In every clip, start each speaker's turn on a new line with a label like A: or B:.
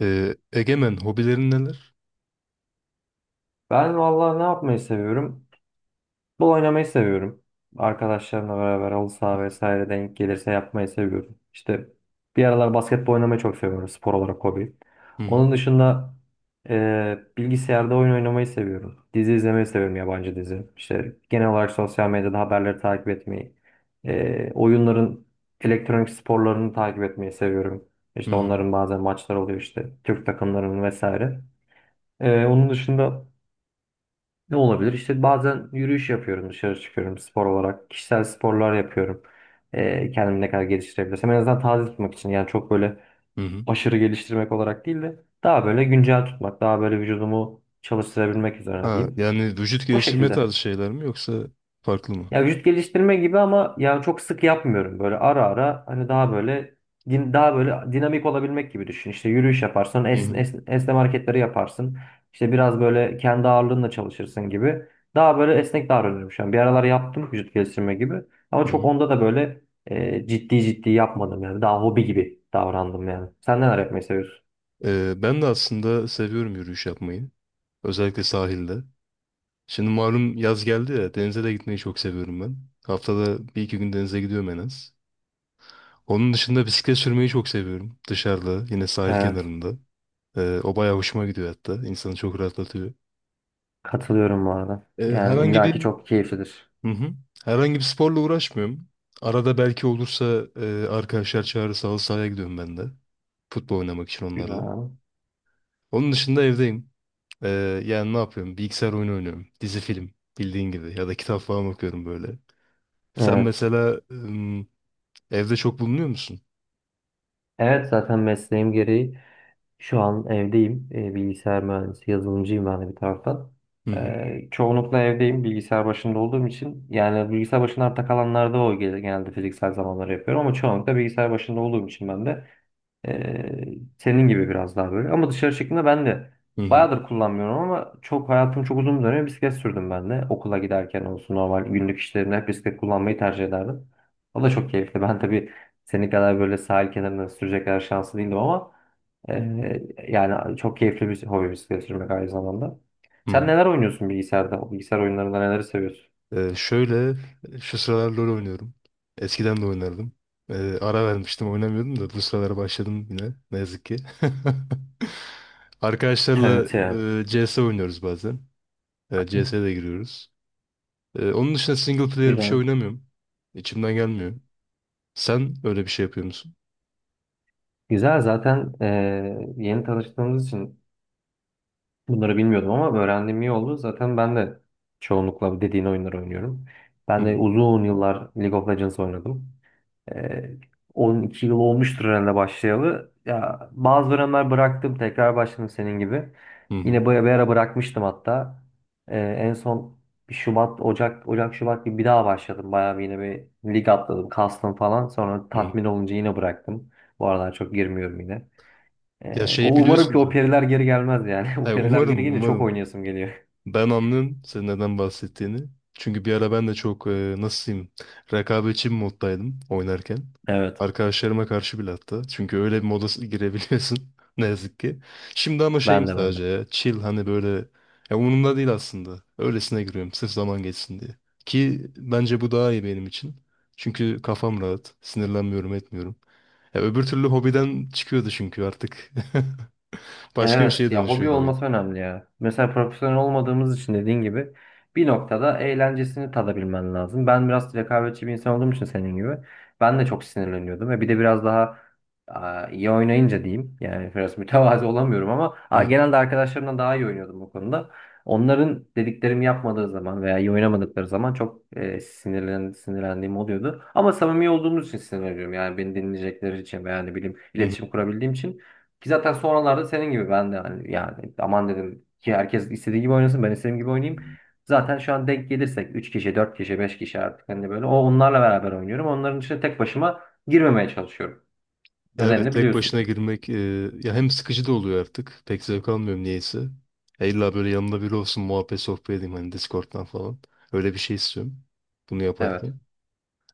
A: Egemen, hobilerin neler?
B: Ben vallahi ne yapmayı seviyorum? Futbol oynamayı seviyorum. Arkadaşlarımla beraber halı saha vesaire denk gelirse yapmayı seviyorum. İşte bir aralar basketbol oynamayı çok seviyorum spor olarak hobi.
A: Hı hı.
B: Onun dışında bilgisayarda oyun oynamayı seviyorum. Dizi izlemeyi seviyorum yabancı dizi. İşte genel olarak sosyal medyada haberleri takip etmeyi, oyunların elektronik sporlarını takip etmeyi seviyorum.
A: Hı
B: İşte
A: hı.
B: onların bazen maçları oluyor işte Türk takımlarının vesaire. Onun dışında ne olabilir? İşte bazen yürüyüş yapıyorum, dışarı çıkıyorum spor olarak. Kişisel sporlar yapıyorum. Kendimi ne kadar geliştirebilirsem. En azından taze tutmak için. Yani çok böyle
A: Hı hı.
B: aşırı geliştirmek olarak değil de daha böyle güncel tutmak, daha böyle vücudumu çalıştırabilmek üzerine
A: Ha,
B: diyeyim.
A: yani vücut
B: O
A: geliştirme
B: şekilde.
A: tarzı şeyler mi yoksa farklı mı?
B: Ya vücut geliştirme gibi ama yani çok sık yapmıyorum. Böyle ara ara hani daha böyle daha böyle dinamik olabilmek gibi düşün. İşte yürüyüş yaparsın,
A: Hı hı.
B: esneme hareketleri yaparsın. İşte biraz böyle kendi ağırlığınla çalışırsın gibi. Daha böyle esnek davranıyorum şu an. Bir aralar yaptım vücut geliştirme gibi. Ama
A: Hı
B: çok
A: hı.
B: onda da böyle ciddi ciddi yapmadım yani. Daha hobi gibi davrandım yani. Sen neler yapmayı seviyorsun?
A: Ben de aslında seviyorum yürüyüş yapmayı. Özellikle sahilde. Şimdi malum yaz geldi ya, denize de gitmeyi çok seviyorum ben. Haftada bir iki gün denize gidiyorum en az. Onun dışında bisiklet sürmeyi çok seviyorum. Dışarıda yine sahil
B: Evet.
A: kenarında. O bayağı hoşuma gidiyor hatta. İnsanı çok rahatlatıyor.
B: Katılıyorum bu arada. Yani
A: Herhangi
B: illaki
A: bir
B: çok keyiflidir.
A: Hı hı. Herhangi bir sporla uğraşmıyorum. Arada belki olursa arkadaşlar çağırırsa halı sahaya gidiyorum ben de. Futbol oynamak için onlarla.
B: Güzel.
A: Onun dışında evdeyim. E, Yani ne yapıyorum? Bilgisayar oyunu oynuyorum. Dizi film bildiğin gibi. Ya da kitap falan okuyorum böyle. Sen
B: Evet.
A: mesela evde çok bulunuyor musun?
B: Evet zaten mesleğim gereği. Şu an evdeyim. Bilgisayar mühendisi, yazılımcıyım ben de bir taraftan.
A: Hı hı.
B: Çoğunlukla evdeyim bilgisayar başında olduğum için. Yani bilgisayar başında arta kalanlarda genelde fiziksel zamanları yapıyorum. Ama çoğunlukla bilgisayar başında olduğum için ben de ee, senin gibi biraz daha böyle. Ama dışarı çıktığımda ben de
A: Hı hı.
B: bayağıdır kullanmıyorum ama çok hayatım çok uzun bir dönem bisiklet sürdüm ben de. Okula giderken olsun normal günlük işlerimde hep bisiklet kullanmayı tercih ederdim. O da çok keyifli. Ben tabii senin kadar böyle sahil kenarında sürecek kadar şanslı değildim ama ee, yani çok keyifli bir hobi bisiklet sürmek aynı zamanda.
A: Hı
B: Sen
A: hı.
B: neler oynuyorsun bilgisayarda? Bilgisayar oyunlarında neleri seviyorsun?
A: Şöyle şu sıralar LoL oynuyorum. Eskiden de oynardım. Ara vermiştim oynamıyordum da bu sıralar başladım yine ne yazık ki. Arkadaşlarla
B: Evet ya.
A: CS oynuyoruz bazen. CS'ye de giriyoruz. Onun dışında single player bir şey
B: Güzel.
A: oynamıyorum. İçimden gelmiyor. Sen öyle bir şey yapıyor musun?
B: Güzel zaten yeni tanıştığımız için bunları bilmiyordum ama öğrendiğim iyi oldu. Zaten ben de çoğunlukla dediğin oyunları oynuyorum.
A: Hı
B: Ben de
A: hı.
B: uzun yıllar League of Legends oynadım. Ee, 12 yıl olmuştur herhalde başlayalı. Ya bazı dönemler bıraktım, tekrar başladım senin gibi.
A: Hı hı.
B: Yine böyle bir ara bırakmıştım hatta. En son bir Şubat, Ocak, Ocak, Şubat gibi bir daha başladım. Bayağı bir yine bir lig atladım, kastım falan. Sonra
A: Hı hı.
B: tatmin olunca yine bıraktım. Bu aralar çok girmiyorum yine.
A: Ya
B: O
A: şeyi
B: umarım
A: biliyorsun
B: ki o
A: zaten.
B: periler geri gelmez yani. O
A: Ay,
B: periler geri
A: umarım
B: gelince çok
A: umarım.
B: oynayasım geliyor.
A: Ben anlıyorum senin neden bahsettiğini. Çünkü bir ara ben de çok nasıl diyeyim, rekabetçi bir moddaydım oynarken.
B: Evet.
A: Arkadaşlarıma karşı bile hatta. Çünkü öyle bir moda girebiliyorsun ne yazık ki. Şimdi ama şeyim
B: Ben de ben de.
A: sadece ya, chill, hani böyle ya umurumda değil aslında. Öylesine giriyorum sırf zaman geçsin diye. Ki bence bu daha iyi benim için. Çünkü kafam rahat, sinirlenmiyorum, etmiyorum. Ya öbür türlü hobiden çıkıyordu çünkü artık. Başka bir
B: Evet
A: şeye
B: ya hobi
A: dönüşüyordu oyun.
B: olması önemli ya. Mesela profesyonel olmadığımız için dediğin gibi bir noktada eğlencesini tadabilmen lazım. Ben biraz rekabetçi bir insan olduğum için senin gibi ben de çok sinirleniyordum ve bir de biraz daha iyi oynayınca diyeyim yani biraz mütevazi olamıyorum ama
A: Hı hı.
B: genelde arkadaşlarımdan daha iyi oynuyordum bu konuda. Onların dediklerimi yapmadığı zaman veya iyi oynamadıkları zaman çok sinirlendiğim oluyordu. Ama samimi olduğumuz için sinirleniyorum yani beni dinleyecekleri için veya ne bileyim
A: Hı
B: iletişim kurabildiğim için. Ki zaten sonralarda senin gibi ben de hani yani aman dedim ki herkes istediği gibi oynasın ben istediğim gibi oynayayım.
A: hı.
B: Zaten şu an denk gelirsek 3 kişi, 4 kişi, 5 kişi artık hani böyle onlarla beraber oynuyorum. Onların içine tek başıma girmemeye çalışıyorum.
A: Ya evet,
B: Nedenini
A: tek
B: biliyorsun.
A: başına girmek ya hem sıkıcı da oluyor artık. Pek zevk almıyorum niyeyse. Ya illa böyle yanımda biri olsun, muhabbet sohbet edeyim hani Discord'dan falan. Öyle bir şey istiyorum bunu
B: Evet.
A: yaparken.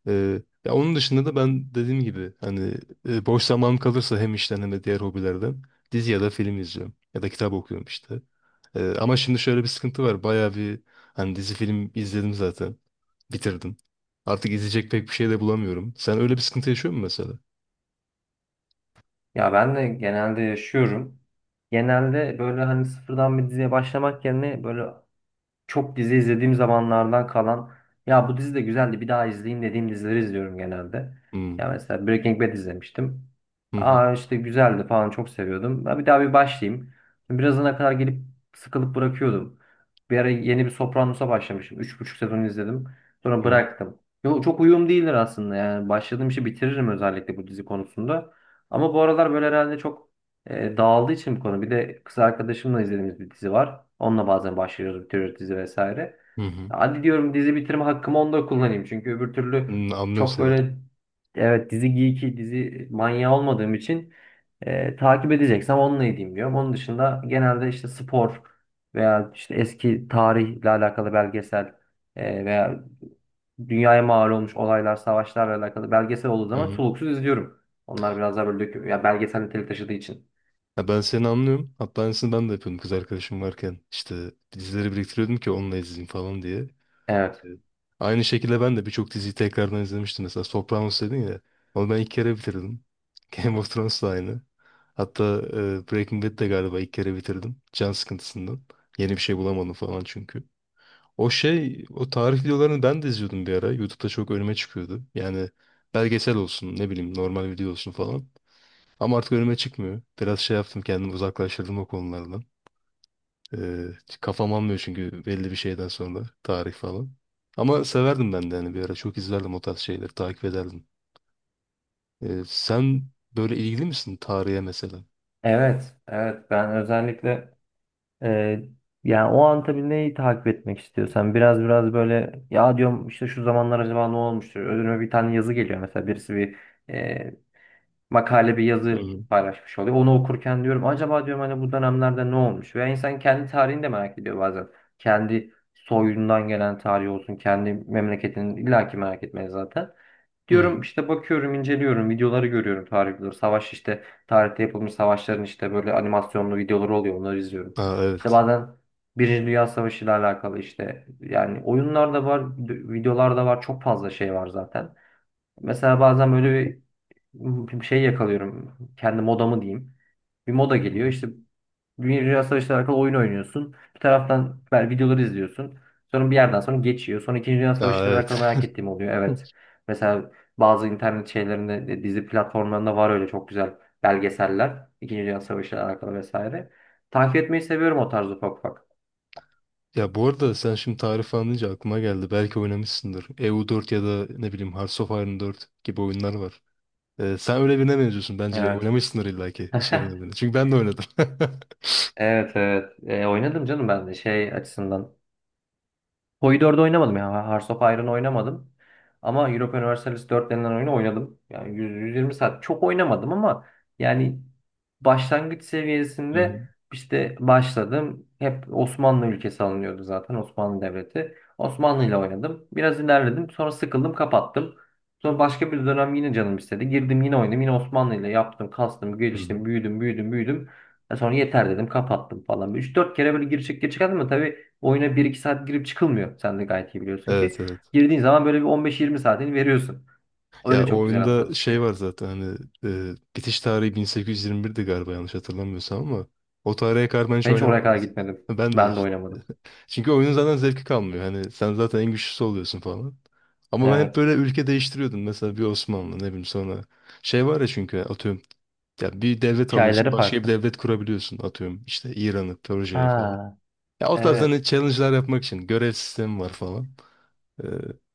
A: Ya onun dışında da ben dediğim gibi hani boş zamanım kalırsa hem işten hem de diğer hobilerden, dizi ya da film izliyorum. Ya da kitap okuyorum işte. Ama şimdi şöyle bir sıkıntı var. Bayağı bir hani dizi film izledim zaten. Bitirdim. Artık izleyecek pek bir şey de bulamıyorum. Sen öyle bir sıkıntı yaşıyor musun mesela?
B: Ya ben de genelde yaşıyorum. Genelde böyle hani sıfırdan bir diziye başlamak yerine böyle çok dizi izlediğim zamanlardan kalan ya bu dizi de güzeldi bir daha izleyeyim dediğim dizileri izliyorum genelde. Ya
A: Hmm.
B: mesela Breaking Bad izlemiştim.
A: Hı hı.
B: Aa işte güzeldi falan çok seviyordum. Ben bir daha bir başlayayım. Birazına kadar gelip sıkılıp bırakıyordum. Bir ara yeni bir Sopranos'a başlamışım. 3,5 sezon izledim. Sonra
A: Hı hı.
B: bıraktım. Yo, çok uyum değildir aslında yani. Başladığım işi bitiririm özellikle bu dizi konusunda. Ama bu aralar böyle herhalde çok dağıldığı için bu konu. Bir de kız arkadaşımla izlediğimiz bir dizi var. Onunla bazen başlıyoruz, bitiriyoruz dizi vesaire.
A: Hı hı.
B: Hadi diyorum dizi bitirme hakkımı onda kullanayım. Çünkü öbür türlü
A: Hmm, anlıyorum
B: çok
A: seni.
B: böyle evet dizi geeki, dizi manyağı olmadığım için takip edeceksem onunla edeyim diyorum. Onun dışında genelde işte spor veya işte eski tarihle alakalı belgesel veya dünyaya mal olmuş olaylar, savaşlarla alakalı belgesel olduğu
A: Hı
B: zaman
A: hı.
B: soluksuz izliyorum. Onlar biraz daha böyle döküm, ya belgesel niteliği taşıdığı için.
A: Ya ben seni anlıyorum. Hatta aynısını ben de yapıyordum kız arkadaşım varken. İşte dizileri biriktiriyordum ki onunla izleyeyim falan diye.
B: Evet.
A: Evet. Aynı şekilde ben de birçok diziyi tekrardan izlemiştim. Mesela Sopranos dedin ya. Onu ben ilk kere bitirdim. Game of Thrones da aynı. Hatta Breaking Bad de galiba ilk kere bitirdim. Can sıkıntısından. Yeni bir şey bulamadım falan çünkü. O şey, o tarih videolarını ben de izliyordum bir ara. YouTube'da çok önüme çıkıyordu. Yani belgesel olsun, ne bileyim normal video olsun falan. Ama artık önüme çıkmıyor. Biraz şey yaptım, kendimi uzaklaştırdım o konulardan. Ee, Kafam almıyor çünkü belli bir şeyden sonra tarih falan. Ama severdim ben de hani bir ara çok izlerdim, o tarz şeyleri takip ederdim. Sen böyle ilgili misin tarihe mesela?
B: Evet, evet ben özellikle e, yani o an tabii neyi takip etmek istiyorsan biraz biraz böyle ya diyorum işte şu zamanlar acaba ne olmuştur? Önüme bir tane yazı geliyor mesela birisi bir e, makale bir
A: Hı
B: yazı
A: hı.
B: paylaşmış oluyor. Onu okurken diyorum acaba diyorum hani bu dönemlerde ne olmuş? Veya insan kendi tarihini de merak ediyor bazen. Kendi soyundan gelen tarihi olsun, kendi memleketini illaki merak etmeye zaten.
A: Hı
B: Diyorum
A: hı.
B: işte bakıyorum, inceliyorum, videoları görüyorum tarih videoları. Savaş işte tarihte yapılmış savaşların işte böyle animasyonlu videoları oluyor. Onları izliyorum.
A: Aa,
B: İşte
A: evet.
B: bazen Birinci Dünya Savaşı ile alakalı işte yani oyunlar da var, videolar da var. Çok fazla şey var zaten. Mesela bazen böyle bir şey yakalıyorum. Kendi modamı diyeyim. Bir moda
A: Hı
B: geliyor.
A: hı.
B: İşte Dünya Savaşı ile alakalı oyun oynuyorsun. Bir taraftan ben videoları izliyorsun. Sonra bir yerden sonra geçiyor. Sonra İkinci Dünya
A: Aa,
B: Savaşı ile alakalı
A: evet.
B: merak ettiğim oluyor. Evet. Mesela bazı internet şeylerinde, dizi platformlarında var öyle çok güzel belgeseller. İkinci Dünya Savaşı ile alakalı vesaire. Takip etmeyi seviyorum o tarz ufak ufak.
A: Ya bu arada sen şimdi tarih falan deyince aklıma geldi. Belki oynamışsındır. E U 4 ya da ne bileyim Hearts of Iron 4 gibi oyunlar var. Sen öyle birine benziyorsun bence.
B: Evet.
A: Oynamışsındır illa ki iş yerinde beni. Çünkü ben de oynadım.
B: Evet, evet. Oynadım canım ben de şey açısından. Hoi 4'ü oynamadım ya. Hearts of Iron'ı oynamadım. Ama Europa Universalis 4 denilen oyunu oynadım. Yani 100, 120 saat çok oynamadım ama yani başlangıç
A: Hı hı.
B: seviyesinde işte başladım. Hep Osmanlı ülkesi alınıyordu zaten Osmanlı Devleti. Osmanlı ile oynadım. Biraz ilerledim. Sonra sıkıldım kapattım. Sonra başka bir dönem yine canım istedi. Girdim yine oynadım. Yine Osmanlı ile yaptım, kastım,
A: Hı hı.
B: geliştim, büyüdüm, büyüdüm, büyüdüm. Sonra yeter dedim kapattım falan. Üç dört kere böyle gir çık gir çık ama oyuna bir iki saat girip çıkılmıyor. Sen de gayet iyi biliyorsun ki.
A: Evet, evet.
B: Girdiğin zaman böyle bir 15-20 saatini veriyorsun.
A: Ya
B: Öyle
A: o
B: çok güzel bir tadı
A: oyunda şey
B: çıkıyor.
A: var zaten hani bitiş tarihi 1821'di galiba yanlış hatırlamıyorsam ama o tarihe kadar ben hiç
B: Ben hiç oraya
A: oynamadım
B: kadar
A: mesela.
B: gitmedim.
A: Ben de
B: Ben de
A: işte.
B: oynamadım.
A: Çünkü oyunun zaten zevki kalmıyor. Hani sen zaten en güçlüsü oluyorsun falan. Ama ben hep
B: Evet.
A: böyle ülke değiştiriyordum. Mesela bir Osmanlı, ne bileyim, sonra. Şey var ya çünkü, atıyorum. Ya bir devlet alıyorsun
B: Hikayeleri
A: başka bir
B: farklı.
A: devlet kurabiliyorsun atıyorum. İşte İran'ı, Persia'yı.
B: Ha,
A: Ya o tarz hani
B: evet.
A: challenge'lar yapmak için görev sistemi var falan. Ee,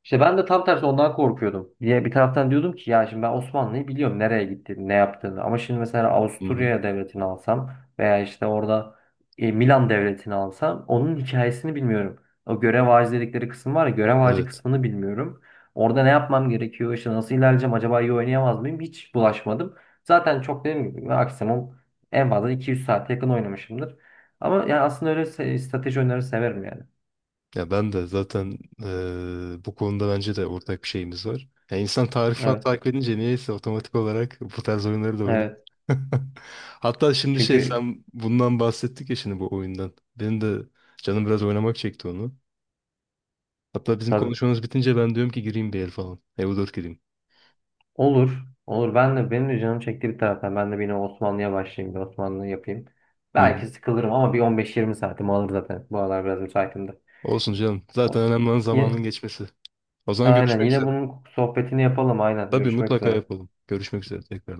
B: İşte ben de tam tersi ondan korkuyordum. Diye bir taraftan diyordum ki ya şimdi ben Osmanlı'yı biliyorum nereye gittiğini, ne yaptığını. Ama şimdi mesela
A: hı hı.
B: Avusturya devletini alsam veya işte orada Milan devletini alsam onun hikayesini bilmiyorum. O görev ağacı dedikleri kısım var ya görev ağacı
A: Evet.
B: kısmını bilmiyorum. Orada ne yapmam gerekiyor, işte nasıl ilerleyeceğim, acaba iyi oynayamaz mıyım hiç bulaşmadım. Zaten çok dediğim gibi maksimum en fazla 200 saate yakın oynamışımdır. Ama yani aslında öyle strateji oyunları severim yani.
A: Ya ben de zaten bu konuda bence de ortak bir şeyimiz var. Ya insan tarih falan
B: Evet,
A: takip edince niyeyse otomatik olarak bu tarz oyunları da oynuyor.
B: evet.
A: Hatta şimdi şey,
B: Çünkü
A: sen bundan bahsettik ya şimdi, bu oyundan. Benim de canım biraz oynamak çekti onu. Hatta bizim
B: tabii.
A: konuşmamız bitince ben diyorum ki gireyim bir el falan. EU4 gireyim.
B: Olur. Olur. Ben de benim de canım çekti bir taraftan. Ben de yine Osmanlı'ya başlayayım. Bir Osmanlı yapayım.
A: Hı hı.
B: Belki sıkılırım ama bir 15-20 saatim alır zaten. Bu aralar biraz müsaitim de.
A: Olsun canım. Zaten
B: O-
A: önemli olan zamanın
B: Yine,
A: geçmesi. O zaman
B: aynen.
A: görüşmek
B: Yine
A: üzere.
B: bunun sohbetini yapalım. Aynen.
A: Tabii
B: Görüşmek
A: mutlaka
B: üzere.
A: yapalım. Görüşmek üzere tekrar.